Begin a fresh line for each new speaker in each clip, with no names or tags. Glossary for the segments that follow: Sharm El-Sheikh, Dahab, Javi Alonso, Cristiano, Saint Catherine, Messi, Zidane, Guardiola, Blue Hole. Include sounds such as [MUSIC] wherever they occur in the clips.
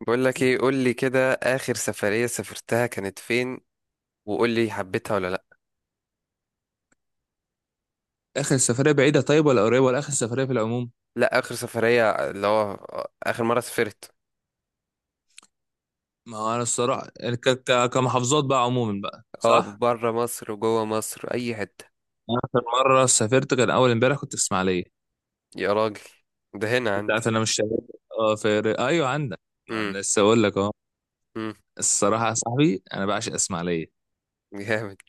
بقول لك ايه، قول لي كده، اخر سفرية سافرتها كانت فين؟ وقول لي حبيتها ولا لا.
اخر السفريه بعيده، طيب، ولا قريبه، ولا اخر السفريه في العموم؟
لا اخر سفرية اللي هو اخر مرة سافرت.
ما هو انا الصراحه كمحافظات بقى عموما بقى،
اه،
صح.
بره مصر وجوه مصر، اي حتة.
أنا اخر مره سافرت كان اول امبارح، كنت في اسماعيليه.
يا راجل، ده هنا
انت
عندي.
عارف انا مش شغال. اه، ايوه عندك. ما
امم
انا لسه اقول لك اهو.
امم
الصراحه يا صاحبي انا بعشق اسماعيليه.
جامد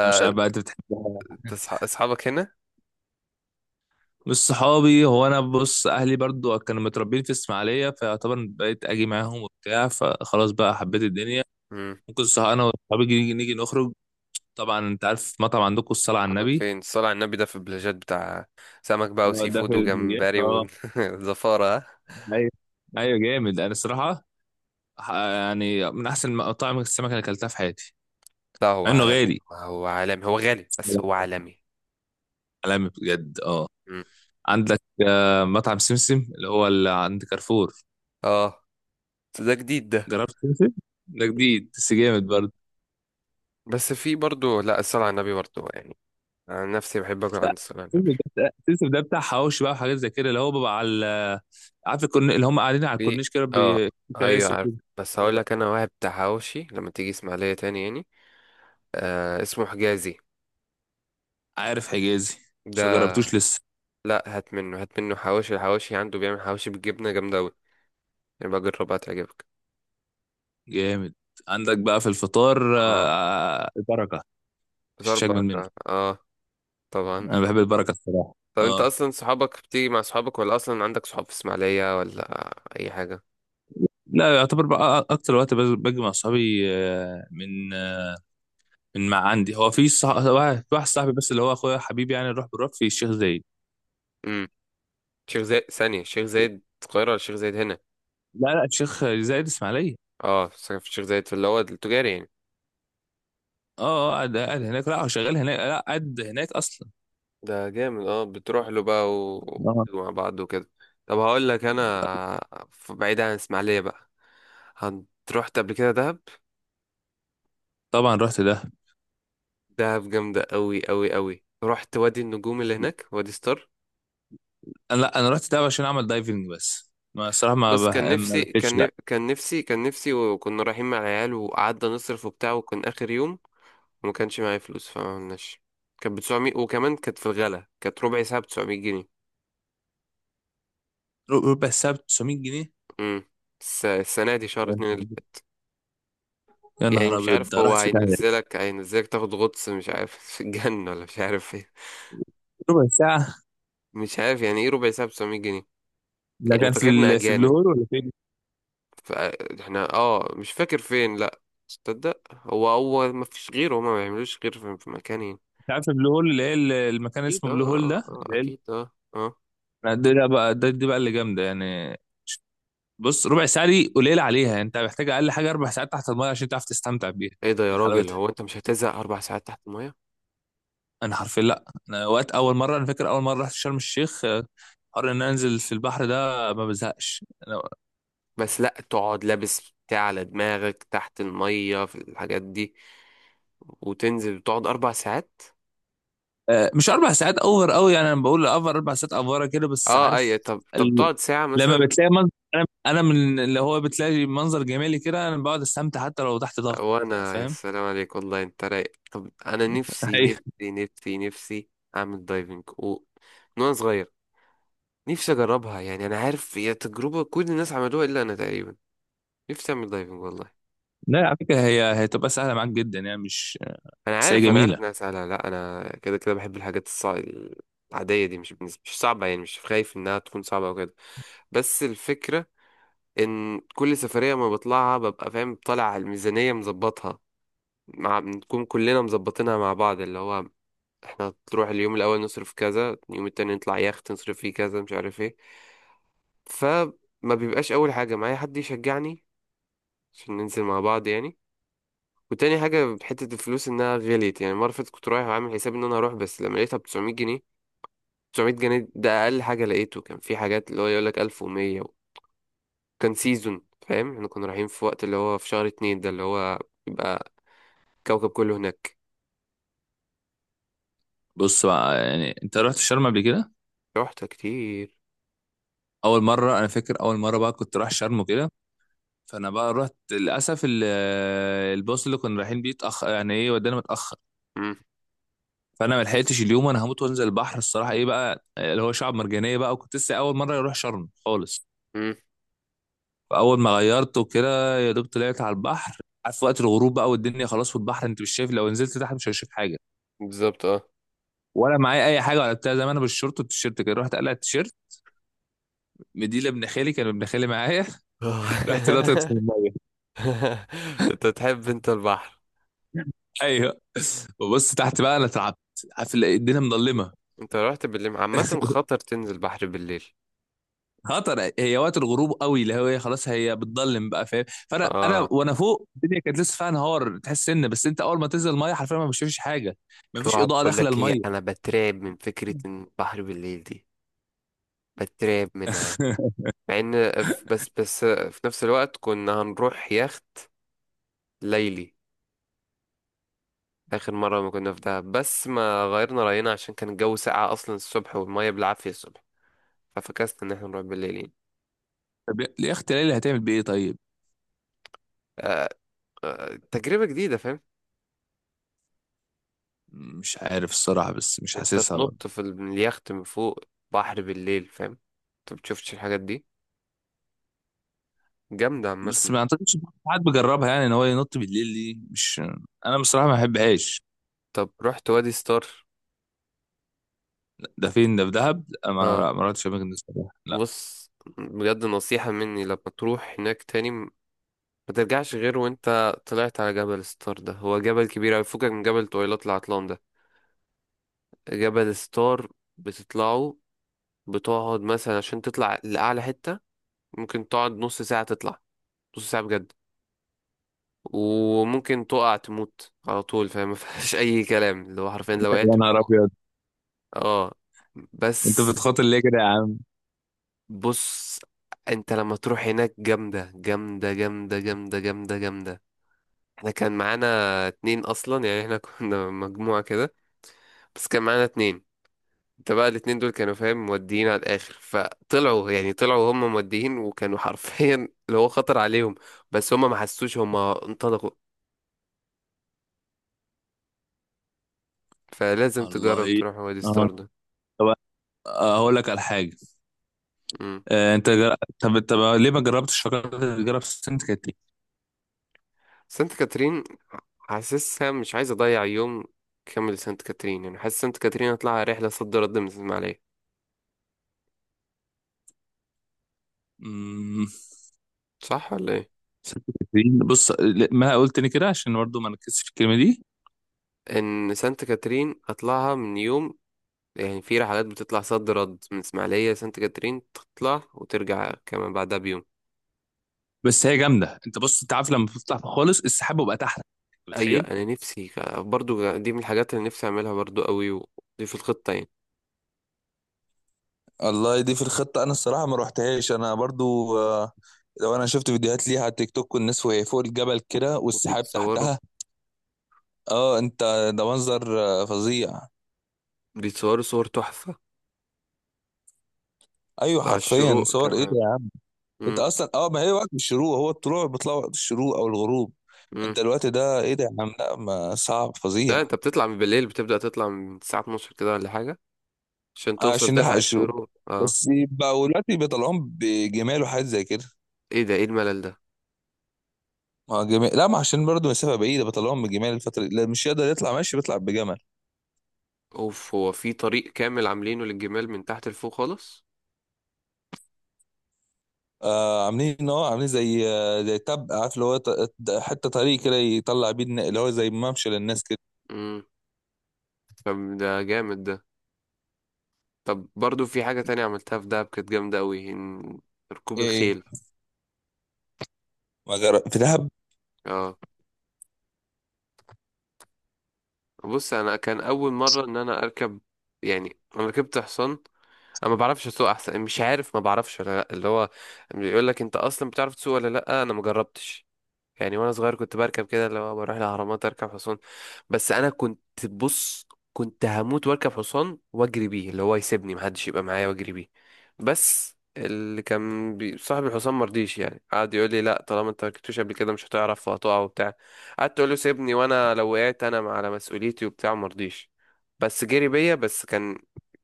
انا مش عارف بقى انت بتحبها.
اصحابك هنا.
بص، صحابي هو انا بص اهلي برضو كانوا متربيين في اسماعيليه، فيعتبر بقيت اجي معاهم وبتاع، فخلاص بقى حبيت الدنيا.
امم
ممكن صح انا وصحابي نيجي نخرج. طبعا انت عارف مطعم عندكم الصلاه على
تقعدوا
النبي؟
فين؟ الصلاة على النبي ده في البلاجات بتاع سمك بقى،
اه
وسي
ده في
فود،
البلايات،
وجمبري،
اه.
وزفارة [LAUGHS] ها؟
ايوه. ايوه جامد، انا الصراحه يعني من احسن مطاعم السمك اللي اكلتها في حياتي.
لا هو
مع انه
عالمي،
غالي.
هو عالمي، هو غالي بس هو عالمي.
عالمي بجد، اه.
امم
عندك مطعم سمسم اللي هو اللي عند كارفور.
اه، ده جديد ده.
جربت سمسم؟ ده جديد بس جامد برضه.
بس في برضو، لا الصلاة على النبي برضو يعني، انا نفسي بحب اكل
لا،
عند الصلاة على النبي.
سمسم سمسم ده بتاع حواوشي بقى وحاجات زي كده، اللي هو بيبقى على عارف اللي هم قاعدين على
في،
الكورنيش كده
اه،
في
ايوه
كراسي
عارف.
كده.
بس هقول لك، انا واحد بتاع حواوشي، لما تيجي اسماعيلية تاني يعني، آه اسمه حجازي
عارف حجازي؟
ده.
مش جربتوش لسه.
لا، هات منه، هات منه حواوشي. الحواوشي عنده، بيعمل حواوشي بالجبنة جامدة اوي، يبقى جربها تعجبك.
جامد. عندك بقى في الفطار
اه،
البركة.
فطار
مفيش أجمل منه.
بركة اه، طبعا.
أنا بحب البركة الصراحة.
طب انت
اه،
اصلا صحابك بتيجي مع صحابك، ولا اصلا عندك صحاب في اسماعيلية، ولا اي حاجة؟
لا يعتبر بقى أكتر وقت باجي مع صحابي. من مع عندي هو في واحد صاحبي بس اللي هو أخويا حبيبي، يعني نروح بنروح في الشيخ زايد.
امم شيخ زايد؟ ثانية، شيخ زايد القاهرة ولا شيخ زايد هنا؟
لا لا، الشيخ زايد إسماعيلية.
اه، ساكن في الشيخ زايد في اللي هو التجاري يعني.
اه قاعد هناك، لا هو شغال هناك، لا قاعد هناك أصلا.
ده جامد اه، بتروح له بقى و...
آه.
مع بعض وكده. طب هقول لك انا، بعيد عن اسماعيليه بقى، هن- رحت قبل كده دهب.
طبعا رحت ده.
دهب جامده قوي قوي قوي. رحت وادي النجوم اللي هناك، وادي ستار.
أنا لا، أنا رحت ده عشان أعمل دايفنج، بس ما الصراحة
بص، كان
ما
نفسي،
لفتش بقى.
كان نفسي، وكنا رايحين مع العيال وقعدنا نصرف وبتاع، وكان اخر يوم وما كانش معايا فلوس فمعملناش. كانت ب 900، وكمان كانت في الغلا، كانت ربع ساعه ب 900 جنيه.
ربع الساعة ب 900 جنيه؟
امم السنه دي شهر اتنين.
يا
يعني
نهار
مش
أبيض،
عارف
ده
هو
رحت في ده
هينزلك، هينزلك تاخد غطس، مش عارف [LAUGHS] في الجنة ولا مش عارف ايه.
ربع ساعة؟
مش عارف يعني ايه ربع ساعة ب 700 جنيه؟
ده
يعني
كان في
فاكرنا
في بلو
أجانب.
هول ولا فين؟
فاحنا اه مش فاكر فين، لأ. تصدق، هو ما فيش غيره، هما ما بيعملوش غير في مكان يعني.
انت عارف بلو هول اللي هي المكان
أكيد
اسمه
اه
بلو هول
اه،
ده
آه، آه،
اللي هي
أكيد اه اه.
ال- ده ده بقى ده دي بقى اللي جامدة يعني. بص، ربع ساعة دي قليلة عليها يعني، انت محتاج اقل حاجة 4 ساعات تحت المايه عشان تعرف تستمتع بيها
ايه ده يا
من
راجل؟
حلاوتها.
هو انت مش هتزهق أربع ساعات تحت المية؟
انا حرفيا، لا انا وقت اول مرة، انا فاكر اول مرة رحت شرم الشيخ قرر ان أنا انزل في البحر ده. ما بزهقش.
بس لأ، تقعد لابس بتاع على دماغك تحت المية في الحاجات دي، وتنزل تقعد أربع ساعات!
مش اربع ساعات، اوفر قوي يعني، انا بقول اوفر اربع ساعات، افوره كده بس
اه، اي
عارف
طب، طب
ال...
تقعد ساعة
لما
مثلا.
بتلاقي منظر، انا من اللي هو بتلاقي منظر جمالي كده، انا بقعد استمتع حتى لو تحت ضغط.
وانا يا
فاهم.
سلام عليك، والله انت رايق. طب انا
[LAUGHS]
نفسي
ايوه.
اعمل دايفنج و... من وانا صغير، نفسي اجربها يعني. انا عارف هي تجربه كل الناس عملوها الا انا تقريبا. نفسي اعمل دايفنج والله.
لا على فكره هي هتبقى سهله معاك جدا يعني، مش
انا
بس هي
عارف انا عارف انها
جميله.
سهله. لا، انا كده كده بحب الحاجات العاديه دي. مش صعبه يعني، مش خايف انها تكون صعبه او كده. بس الفكره ان كل سفريه ما بطلعها ببقى فاهم طالع على الميزانيه مظبطها، مع بنكون كلنا مظبطينها مع بعض. اللي هو احنا تروح اليوم الاول نصرف كذا، اليوم التاني نطلع يخت نصرف فيه كذا، مش عارف ايه. فما بيبقاش اول حاجه معايا حد يشجعني عشان ننزل مع بعض يعني. وتاني حاجه حته الفلوس انها غليت. يعني مره فاتت كنت رايح وعامل حساب ان انا هروح، بس لما لقيتها ب 900 جنيه. 900 جنيه ده اقل حاجه لقيته، كان في حاجات اللي هو يقول لك 1100. كان سيزون فاهم، احنا كنا رايحين في وقت اللي هو في شهر اتنين، ده اللي هو يبقى كوكب كله هناك.
بص بقى، يعني انت رحت شرم قبل كده؟
رحت كتير.
اول مره، انا فاكر اول مره بقى كنت رايح شرم وكده، فانا بقى رحت للاسف الباص اللي كنا رايحين بيه اتاخر، يعني ايه، ودانا متاخر.
امم
فانا ما لحقتش اليوم، انا هموت وانزل البحر الصراحه ايه بقى اللي هو شعب مرجانيه بقى، وكنت لسه اول مره اروح شرم خالص.
امم
فاول ما غيرت وكده يا دوب طلعت على البحر. عارف وقت الغروب بقى، والدنيا خلاص في البحر انت مش شايف، لو نزلت تحت مش هشوف حاجه.
بالظبط.
ولا معايا اي حاجه ولا بتاع، زي ما انا بالشورت والتيشيرت كده، رحت قلع التيشيرت مديله ابن خالي، كان ابن خالي معايا. [LAUGHS] رحت نطت في
اه
الميه.
[LAUGHS] [LAUGHS] انت تحب انت البحر؟
ايوه. وبص تحت بقى انا اترعبت. عارف الدنيا مظلمه.
انت رحت بالليل؟ عامة خطر تنزل بحر بالليل.
خطر، هي وقت الغروب قوي اللي هو خلاص هي بتضلم بقى فاهم، فانا انا
اه،
وانا فوق الدنيا كانت لسه فيها نهار تحس سن، بس انت اول ما تنزل الميه حرفيا ما بتشوفش حاجه. ما فيش
الرعب.
اضاءه
بقول
داخله
لك ايه،
الميه.
انا بترعب من فكرة ان البحر بالليل دي، بترعب منها.
[LAUGHS]
مع ان ف- بس بس في نفس الوقت كنا هنروح يخت ليلي اخر مرة ما كنا في دهب، بس ما غيرنا رأينا عشان كان الجو ساقع اصلا الصبح والمية بالعافية الصبح، ففكسنا ان احنا نروح بالليل يعني.
طب يا اختي ليلى هتعمل بايه طيب؟
آه، آه تجربة جديدة فاهم.
مش عارف الصراحه، بس مش
انت
حاسسها برضه.
تنط في من اليخت من فوق، بحر بالليل فاهم، انت بتشوفش الحاجات دي، جامدة
بس
عامة.
ما اعتقدش إن حد بيجربها يعني، ان هو ينط بالليل دي مش، انا بصراحه ما بحبهاش.
طب رحت وادي ستار؟
ده فين؟ ده في دهب؟ لا
اه،
ما ما رحتش اماكن دي الصراحه، لا.
بص، بجد نصيحة مني، لما تروح هناك تاني ما ترجعش غير وانت طلعت على جبل ستار. ده هو جبل كبير اوي، فكك من جبل طويلات العطلان ده، جبل ستار. بتطلعه، بتقعد مثلا عشان تطلع لأعلى حتة ممكن تقعد نص ساعة تطلع. نص ساعة بجد. وممكن تقع تموت على طول فاهم [LAUGHS] ما فيهاش اي كلام، اللي هو حرفيا لو
[LAUGHS]
وقعت
يا نهار ابيض.
اه. بس
انت بتخاطر ليه كده يا عم؟
بص، انت لما تروح هناك، جامدة جامدة جامدة جامدة جامدة جامدة. احنا كان معانا اتنين اصلا يعني، احنا [LAUGHS] كنا مجموعة كده بس كان معانا اتنين. انت بقى الاتنين دول كانوا فاهم موديين على الاخر، فطلعوا، يعني طلعوا هم موديين، وكانوا [LAUGHS] حرفيا اللي هو خطر عليهم، بس هم ما حسوش، هم انطلقوا. فلازم تجرب
والله.
تروح وادي
اه.
ستار ده.
طب، هقول لك على حاجه. آه، انت جر... طب طب ليه ما جربتش فكرت تجرب سانت كاترين؟
سانت كاترين، حاسسها مش عايز اضيع يوم كامل سانت كاترين يعني. حاسس سانت كاترين هطلعها رحله صد رد من الاسماعيليه،
أمم،
صح ولا ايه؟
سانت كاترين؟ بص ما قلت تاني كده عشان برضه ما نركزش في الكلمه دي.
ان سانت كاترين اطلعها من يوم يعني. في رحلات بتطلع صد رد من اسماعيليه، سانت كاترين تطلع وترجع كمان بعدها بيوم.
بس هي جامده انت، بص انت عارف لما بتطلع خالص السحاب بيبقى تحت، انت
ايوه،
متخيل؟
انا نفسي برضو دي من الحاجات اللي نفسي اعملها برضو قوي، ودي في الخطه يعني.
الله، دي في الخطة؟ أنا الصراحة ما روحتهاش أنا برضو، لو أنا شفت فيديوهات ليها على التيك توك والناس وهي فوق الجبل كده والسحاب
وبيتصوروا،
تحتها. أه أنت، ده منظر فظيع.
بيتصوروا صور تحفه،
أيوة
على
حرفيا،
الشروق
صور، إيه
كمان.
ده! انت
امم
اصلا، اه، ما هي وقت الشروق هو الطلوع بيطلع وقت الشروق او الغروب.
امم
انت الوقت ده ايه ده يا عم، لا ما صعب فظيع.
لا، انت بتطلع من بالليل، بتبدا تطلع من الساعه 12 كده ولا حاجه عشان توصل
عشان نلحق
تلحق
الشروق.
الشروق اه.
بس يبقى دلوقتي بيطلعوهم بجمال وحاجات زي كده.
ايه ده؟ ايه الملل ده؟
ما جمال، لا ما عشان برضه مسافه بعيده بيطلعوهم بجمال الفتره دي، لا مش يقدر يطلع ماشي، بيطلع بجمل.
اوف، هو في طريق كامل عاملينه للجمال من تحت لفوق خالص.
آه عاملين، ان هو عاملين زي، آه، زي تب عارف اللي هو حته طريق كده يطلع بيه اللي هو زي ممشى للناس كده.
امم طب ده جامد ده. طب برضو في حاجة تانية عملتها في دهب كانت جامدة قوي، ركوب
ايه ايه؟
الخيل.
ما جرى في دهب؟
اه، بص، انا كان اول مرة ان انا اركب، يعني انا ركبت حصان. انا ما بعرفش اسوق احسن، مش عارف ما بعرفش ولا لا. اللي هو بيقول لك انت اصلا بتعرف تسوق ولا لا، انا ما جربتش. يعني وانا صغير كنت بركب كده، اللي هو بروح الاهرامات اركب حصان. بس انا كنت، بص، كنت هموت واركب حصان واجري بيه، اللي هو يسيبني محدش يبقى معايا واجري بيه. بس اللي كان صاحب الحصان مرضيش يعني، قعد يقول لي لا، طالما انت مركبتوش قبل كده مش هتعرف وهتقع وبتاع. قعدت اقول له سيبني، وانا لو وقعت انا على مسؤوليتي وبتاع، مرضيش. بس جري بيا، بس كان،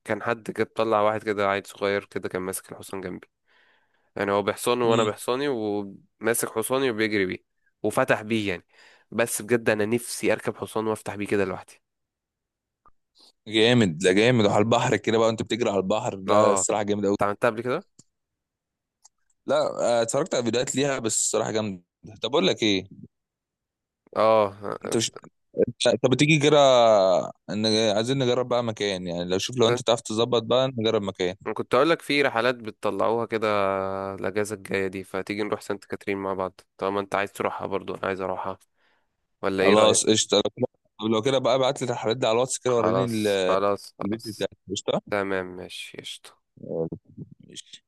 كان حد كده طلع، واحد كده عيل صغير كده كان ماسك الحصان جنبي، يعني هو بحصانه وانا
امم.
بحصاني، وماسك حصاني وبيجري بيه وفتح بيه يعني. بس بجد، انا نفسي اركب حصان وافتح بيه كده لوحدي.
جامد، لا جامد وعلى البحر كده بقى، انت بتجري على البحر؟ لا
اه،
الصراحه جامد قوي.
انت عملتها قبل كده؟
لا. اتفرجت على فيديوهات ليها بس الصراحه جامده. طب اقول لك ايه؟
اه،
انت مش، طب تيجي كده ان عايزين نجرب بقى مكان يعني، لو شوف لو
كنت،
انت تعرف تظبط بقى نجرب مكان.
كنت اقول لك في رحلات بتطلعوها كده، الاجازه الجايه دي، فتيجي نروح سانت كاترين مع بعض طالما انت عايز تروحها، برضو انا عايز اروحها، ولا ايه
خلاص
رايك؟
قشطه لو كده. طب لو كده بقى ابعت لي الحاجات دي على الواتس كده وريني
خلاص خلاص
الفيديو
خلاص.
بتاعك، قشطه.
تمام، ماشي، قشطة.
ماشي.